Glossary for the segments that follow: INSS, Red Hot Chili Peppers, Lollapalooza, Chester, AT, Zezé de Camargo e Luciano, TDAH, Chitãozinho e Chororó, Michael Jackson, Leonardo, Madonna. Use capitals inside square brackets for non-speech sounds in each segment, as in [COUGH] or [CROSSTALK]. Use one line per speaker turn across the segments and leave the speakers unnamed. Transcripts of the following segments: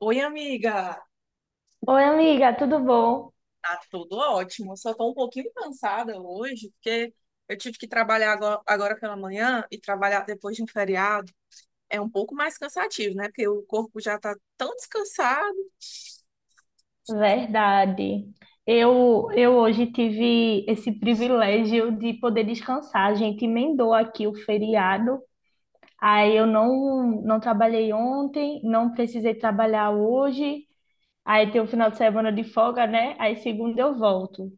Oi, amiga.
Oi, amiga, tudo bom?
Tá tudo ótimo. Só tô um pouquinho cansada hoje, porque eu tive que trabalhar agora pela manhã e trabalhar depois de um feriado é um pouco mais cansativo, né? Porque o corpo já tá tão descansado.
Verdade. Eu hoje tive esse privilégio de poder descansar. A gente emendou aqui o feriado. Aí eu não trabalhei ontem, não precisei trabalhar hoje. Aí tem o final de semana de folga, né? Aí segunda eu volto.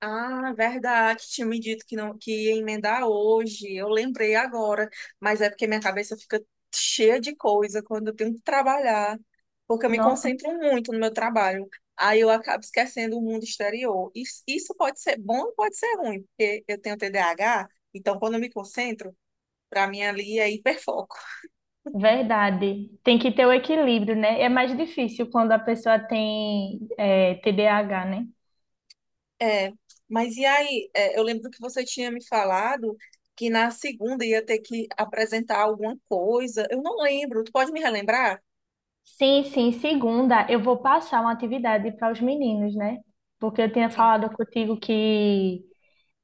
Ah, verdade. Tinha me dito que não que ia emendar hoje. Eu lembrei agora, mas é porque minha cabeça fica cheia de coisa quando eu tenho que trabalhar, porque eu me
Não,
concentro muito no meu trabalho. Aí eu acabo esquecendo o mundo exterior. Isso pode ser bom ou pode ser ruim, porque eu tenho TDAH, então quando eu me concentro, para mim ali é hiperfoco.
verdade. Tem que ter o equilíbrio, né? É mais difícil quando a pessoa tem, TDAH, né?
É, mas e aí? Eu lembro que você tinha me falado que na segunda ia ter que apresentar alguma coisa. Eu não lembro. Tu pode me relembrar?
Sim, sim. Segunda, eu vou passar uma atividade para os meninos, né? Porque eu tinha
Sim.
falado contigo que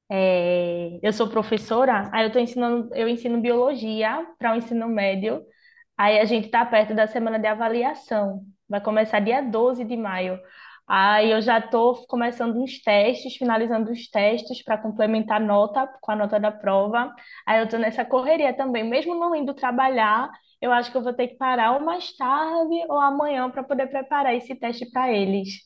eu sou professora, aí eu tô ensinando, eu ensino biologia para o ensino médio. Aí a gente está perto da semana de avaliação. Vai começar dia 12 de maio. Aí eu já estou começando uns testes, finalizando os testes para complementar a nota com a nota da prova. Aí eu estou nessa correria também. Mesmo não indo trabalhar, eu acho que eu vou ter que parar ou mais tarde ou amanhã para poder preparar esse teste para eles.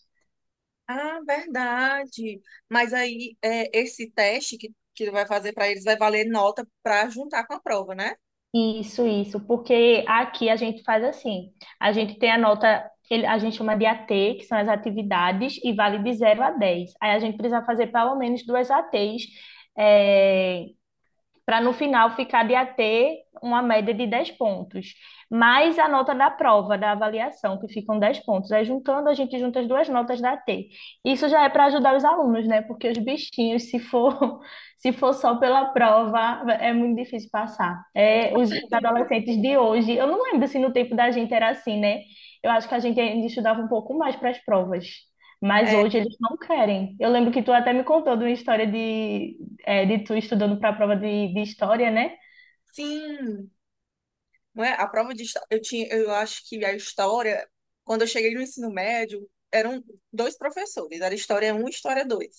Ah, verdade. Mas aí é, esse teste que tu vai fazer para eles vai valer nota para juntar com a prova, né?
Isso, porque aqui a gente faz assim, a gente tem a nota, a gente chama de AT, que são as atividades, e vale de 0 a 10. Aí a gente precisa fazer pelo menos duas ATs, para no final ficar de AT uma média de 10 pontos, mais a nota da prova, da avaliação, que ficam 10 pontos. Aí juntando, a gente junta as duas notas da AT. Isso já é para ajudar os alunos, né? Porque os bichinhos, se for, [LAUGHS] se for só pela prova, é muito difícil passar. É, os
[LAUGHS]
adolescentes de hoje, eu não lembro se no tempo da gente era assim, né? Eu acho que a gente ainda estudava um pouco mais para as provas. Mas
É,
hoje eles não querem. Eu lembro que tu até me contou de uma história de tu estudando para a prova de história, né?
sim, não é? A prova de história, eu tinha, eu acho que a história, quando eu cheguei no ensino médio, eram dois professores, era história 1 e história 2.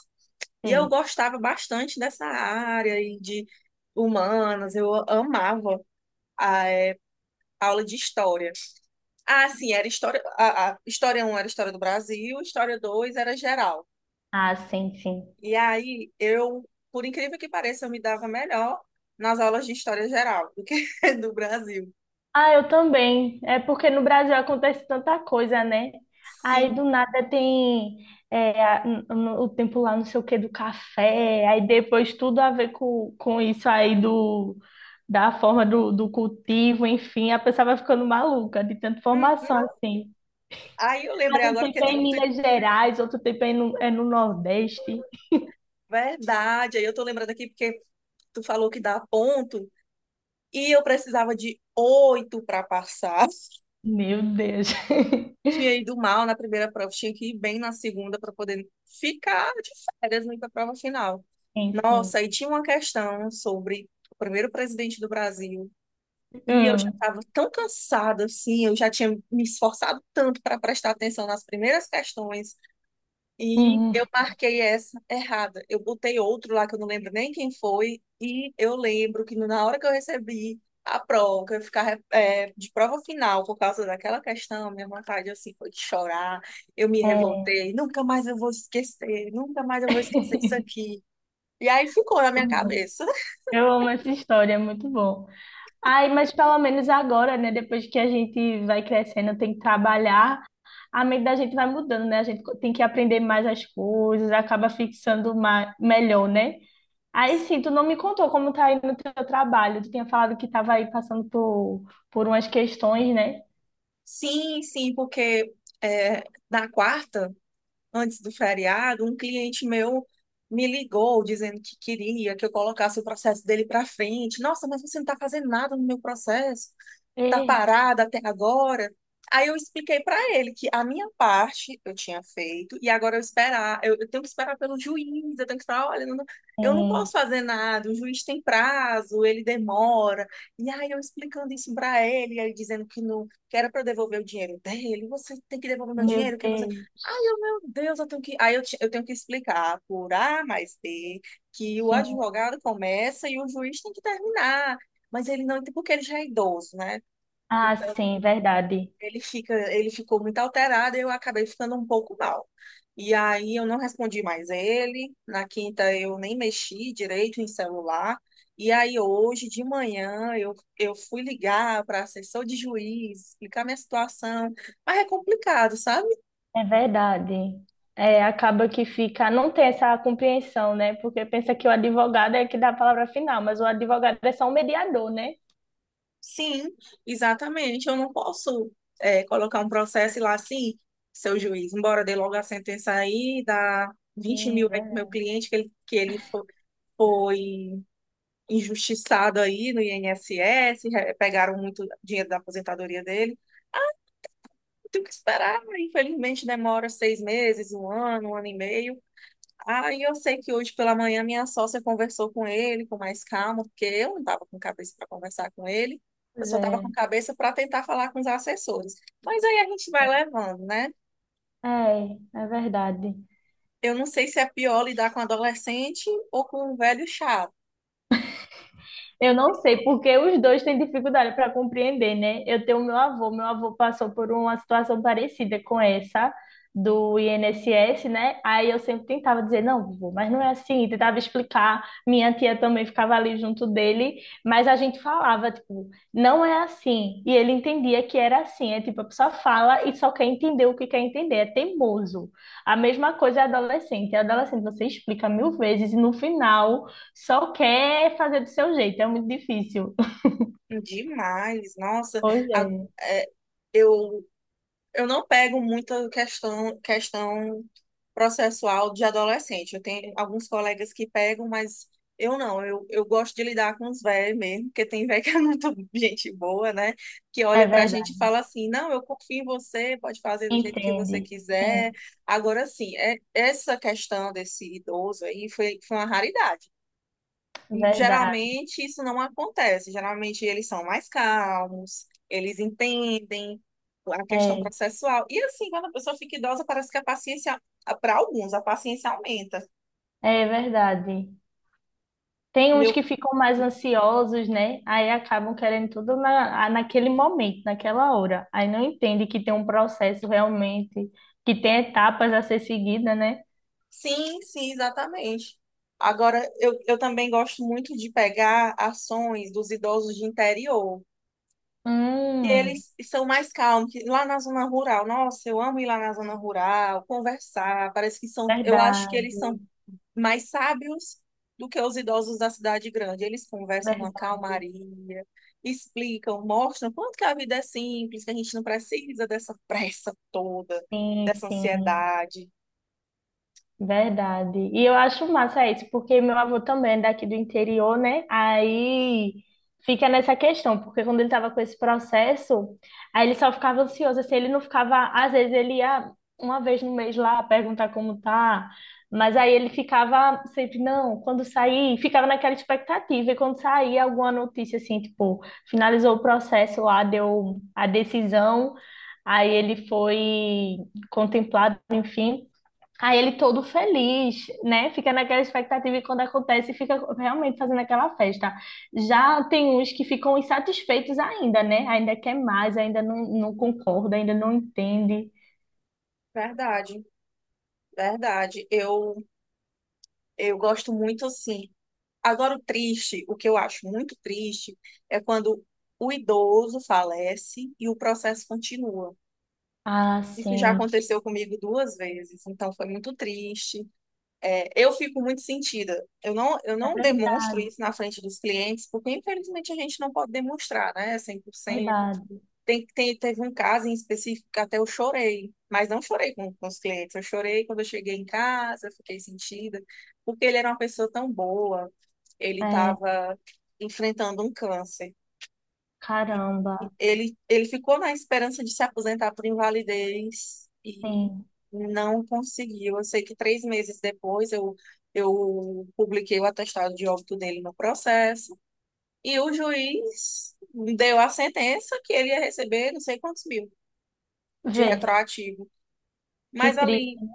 E eu
Sim.
gostava bastante dessa área e de humanas, eu amava a é, aula de história. Ah, sim, era história, a história um era história do Brasil, história 2 era geral.
Ah, sim, sim.
E aí eu, por incrível que pareça, eu me dava melhor nas aulas de história geral do que [LAUGHS] do Brasil.
Ah, eu também. É porque no Brasil acontece tanta coisa, né? Aí
Sim.
do nada tem o tempo lá, não sei o que, do café, aí depois tudo a ver com isso aí do, da forma do cultivo, enfim, a pessoa vai ficando maluca de tanta
Hum, hum.
formação assim.
Aí eu lembrei
Ah, um
agora porque
tempo é em Minas Gerais, outro tempo é é no Nordeste.
verdade, aí eu tô lembrando aqui porque tu falou que dá ponto e eu precisava de oito para passar.
Meu Deus. [LAUGHS]
Tinha ido mal na primeira prova, tinha que ir bem na segunda para poder ficar de férias na prova final.
Sim, sim.
Nossa, aí tinha uma questão sobre o primeiro presidente do Brasil. E eu já
Hum.
estava tão cansada assim, eu já tinha me esforçado tanto para prestar atenção nas primeiras questões e
Uhum.
eu marquei essa errada. Eu botei outro lá que eu não lembro nem quem foi. E eu lembro que na hora que eu recebi a prova, que eu ficar é, de prova final por causa daquela questão, minha vontade assim foi de chorar. Eu me
É.
revoltei. Nunca mais eu vou esquecer. Nunca mais eu vou esquecer isso
[LAUGHS]
aqui. E aí ficou na minha
Muito bom.
cabeça. [LAUGHS]
Eu amo essa história, é muito bom. Ai, mas pelo menos agora, né? Depois que a gente vai crescendo, tem que trabalhar, a mente da gente vai mudando, né? A gente tem que aprender mais as coisas, acaba fixando mais, melhor, né? Aí sim, tu não me contou como tá aí no teu trabalho. Tu tinha falado que tava aí passando por umas questões, né?
Sim, sim, porque é, na quarta, antes do feriado, um cliente meu me ligou dizendo que queria que eu colocasse o processo dele para frente. Nossa, mas você não está fazendo nada no meu processo, tá
Eita,
parada até agora. Aí eu expliquei para ele que a minha parte eu tinha feito e agora eu esperar, eu tenho que esperar pelo juiz, eu tenho que falar, olha, eu não
sim.
posso fazer nada, o juiz tem prazo, ele demora. E aí eu explicando isso para ele, aí dizendo que não, que era para eu devolver o dinheiro dele, você tem que devolver meu
Meu
dinheiro, que você. Ai,
Deus.
eu, meu Deus, eu tenho que, eu tenho que explicar por A mais B que o
Sim.
advogado começa e o juiz tem que terminar. Mas ele não, porque ele já é idoso, né?
Ah,
Então,
sim, verdade.
ele fica, ele ficou muito alterado e eu acabei ficando um pouco mal. E aí eu não respondi mais ele. Na quinta eu nem mexi direito em celular. E aí hoje de manhã eu fui ligar para assessor de juiz, explicar minha situação. Mas é complicado, sabe?
É verdade. É, acaba que fica, não tem essa compreensão, né? Porque pensa que o advogado é que dá a palavra final, mas o advogado é só um mediador, né?
Sim, exatamente. Eu não posso colocar um processo e lá assim, seu juiz, embora dê logo a sentença aí, dá vinte
Sim,
mil aí pro meu
verdade.
cliente que ele foi injustiçado aí no INSS, pegaram muito dinheiro da aposentadoria dele. Eu tenho que esperar, infelizmente demora 6 meses, um ano e meio. Aí eu sei que hoje pela manhã minha sócia conversou com ele com mais calma, porque eu não estava com cabeça para conversar com ele, eu
Pois
só estava
é.
com cabeça para tentar falar com os assessores. Mas aí a gente vai levando, né?
É, é verdade.
Eu não sei se é pior lidar com adolescente ou com um velho chato.
Eu não sei, porque os dois têm dificuldade para compreender, né? Eu tenho meu avô passou por uma situação parecida com essa do INSS, né? Aí eu sempre tentava dizer, não, vovô, mas não é assim, tentava explicar. Minha tia também ficava ali junto dele, mas a gente falava, tipo, não é assim. E ele entendia que era assim, é tipo, a pessoa fala e só quer entender o que quer entender, é teimoso. A mesma coisa é adolescente. Adolescente, você explica mil vezes e no final só quer fazer do seu jeito, é muito difícil.
Demais, nossa.
Hoje
A-
é.
é, eu eu não pego muita questão processual de adolescente. Eu tenho alguns colegas que pegam, mas eu não. Eu gosto de lidar com os velhos mesmo, porque tem velho [LAUGHS] que é muito gente boa, né? Que
É
olha pra gente e
verdade.
fala assim: não, eu confio em você, pode fazer do jeito que você
Entende.
quiser.
Sim,
Agora, sim, é, essa questão desse idoso aí foi uma raridade.
verdade.
Geralmente isso não acontece. Geralmente eles são mais calmos, eles entendem a questão
É,
processual. E assim, quando a pessoa fica idosa, parece que a paciência, para alguns, a paciência aumenta.
é verdade. Tem uns
Meu,
que ficam mais ansiosos, né? Aí acabam querendo tudo na, ah, naquele momento, naquela hora. Aí não entende que tem um processo realmente, que tem etapas a ser seguida, né?
sim, sim, exatamente. Agora, eu também gosto muito de pegar ações dos idosos de interior, que
Hum,
eles são mais calmos, que lá na zona rural. Nossa, eu amo ir lá na zona rural, conversar. Parece que são, eu acho que eles são
verdade,
mais sábios do que os idosos da cidade grande. Eles conversam numa
verdade.
calmaria, explicam, mostram quanto que a vida é simples, que a gente não precisa dessa pressa toda,
Sim,
dessa
sim.
ansiedade.
Verdade. E eu acho massa isso, porque meu avô também é daqui do interior, né? Aí fica nessa questão, porque quando ele estava com esse processo, aí ele só ficava ansioso, assim, ele não ficava, às vezes ele ia uma vez no mês lá perguntar como tá, mas aí ele ficava sempre, não, quando sair, ficava naquela expectativa, e quando saía alguma notícia assim, tipo, finalizou o processo lá, deu a decisão, aí ele foi contemplado, enfim. Aí ele todo feliz, né? Fica naquela expectativa e quando acontece, fica realmente fazendo aquela festa. Já tem uns que ficam insatisfeitos ainda, né? Ainda quer mais, ainda não concorda, ainda não entende.
Verdade, verdade. Eu gosto muito assim. Agora, o triste, o que eu acho muito triste, é quando o idoso falece e o processo continua.
Ah,
Isso já
sim.
aconteceu comigo duas vezes, então foi muito triste. É, eu fico muito sentida. Eu não, eu
É
não demonstro
verdade,
isso na frente dos clientes, porque infelizmente a gente não pode demonstrar, né? cem por
é
cento
verdade.
Teve um caso em específico que até eu chorei, mas não chorei com os clientes. Eu chorei quando eu cheguei em casa, fiquei sentida, porque ele era uma pessoa tão boa, ele
É,
estava enfrentando um câncer.
caramba,
Ele ficou na esperança de se aposentar por invalidez e
sim.
não conseguiu. Eu sei que 3 meses depois eu publiquei o atestado de óbito dele no processo e o juiz deu a sentença que ele ia receber não sei quantos mil de
Vê,
retroativo.
que
Mas ali
triste.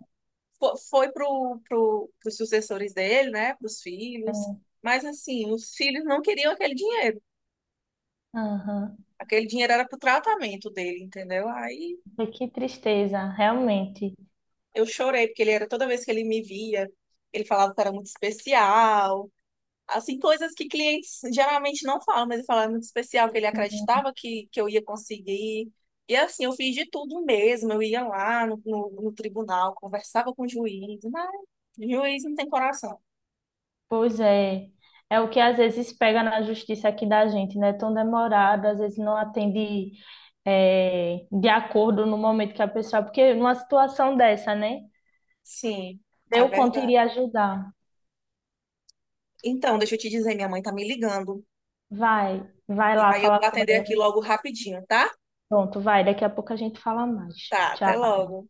foi para os sucessores dele, né, para os filhos.
Né?
Mas assim, os filhos não queriam aquele dinheiro.
Aham.
Aquele dinheiro era para o tratamento dele, entendeu? Aí
Vê. Que tristeza, realmente.
eu chorei, porque ele era toda vez que ele me via, ele falava que era muito especial. Assim, coisas que clientes geralmente não falam, mas ele falava muito especial, que ele acreditava que eu ia conseguir. E assim, eu fiz de tudo mesmo. Eu ia lá no tribunal, conversava com o juiz, mas o juiz não tem coração.
Pois é, é o que às vezes pega na justiça aqui da gente, né? Tão demorado, às vezes não atende é, de acordo no momento que a pessoa, porque numa situação dessa, né?
Sim, é
Eu quanto
verdade.
iria ajudar.
Então, deixa eu te dizer, minha mãe tá me ligando.
Vai, vai
E
lá
aí eu
falar
vou
com
atender aqui
ela.
logo rapidinho, tá?
Pronto, vai, daqui a pouco a gente fala mais.
Tá,
Tchau.
até logo.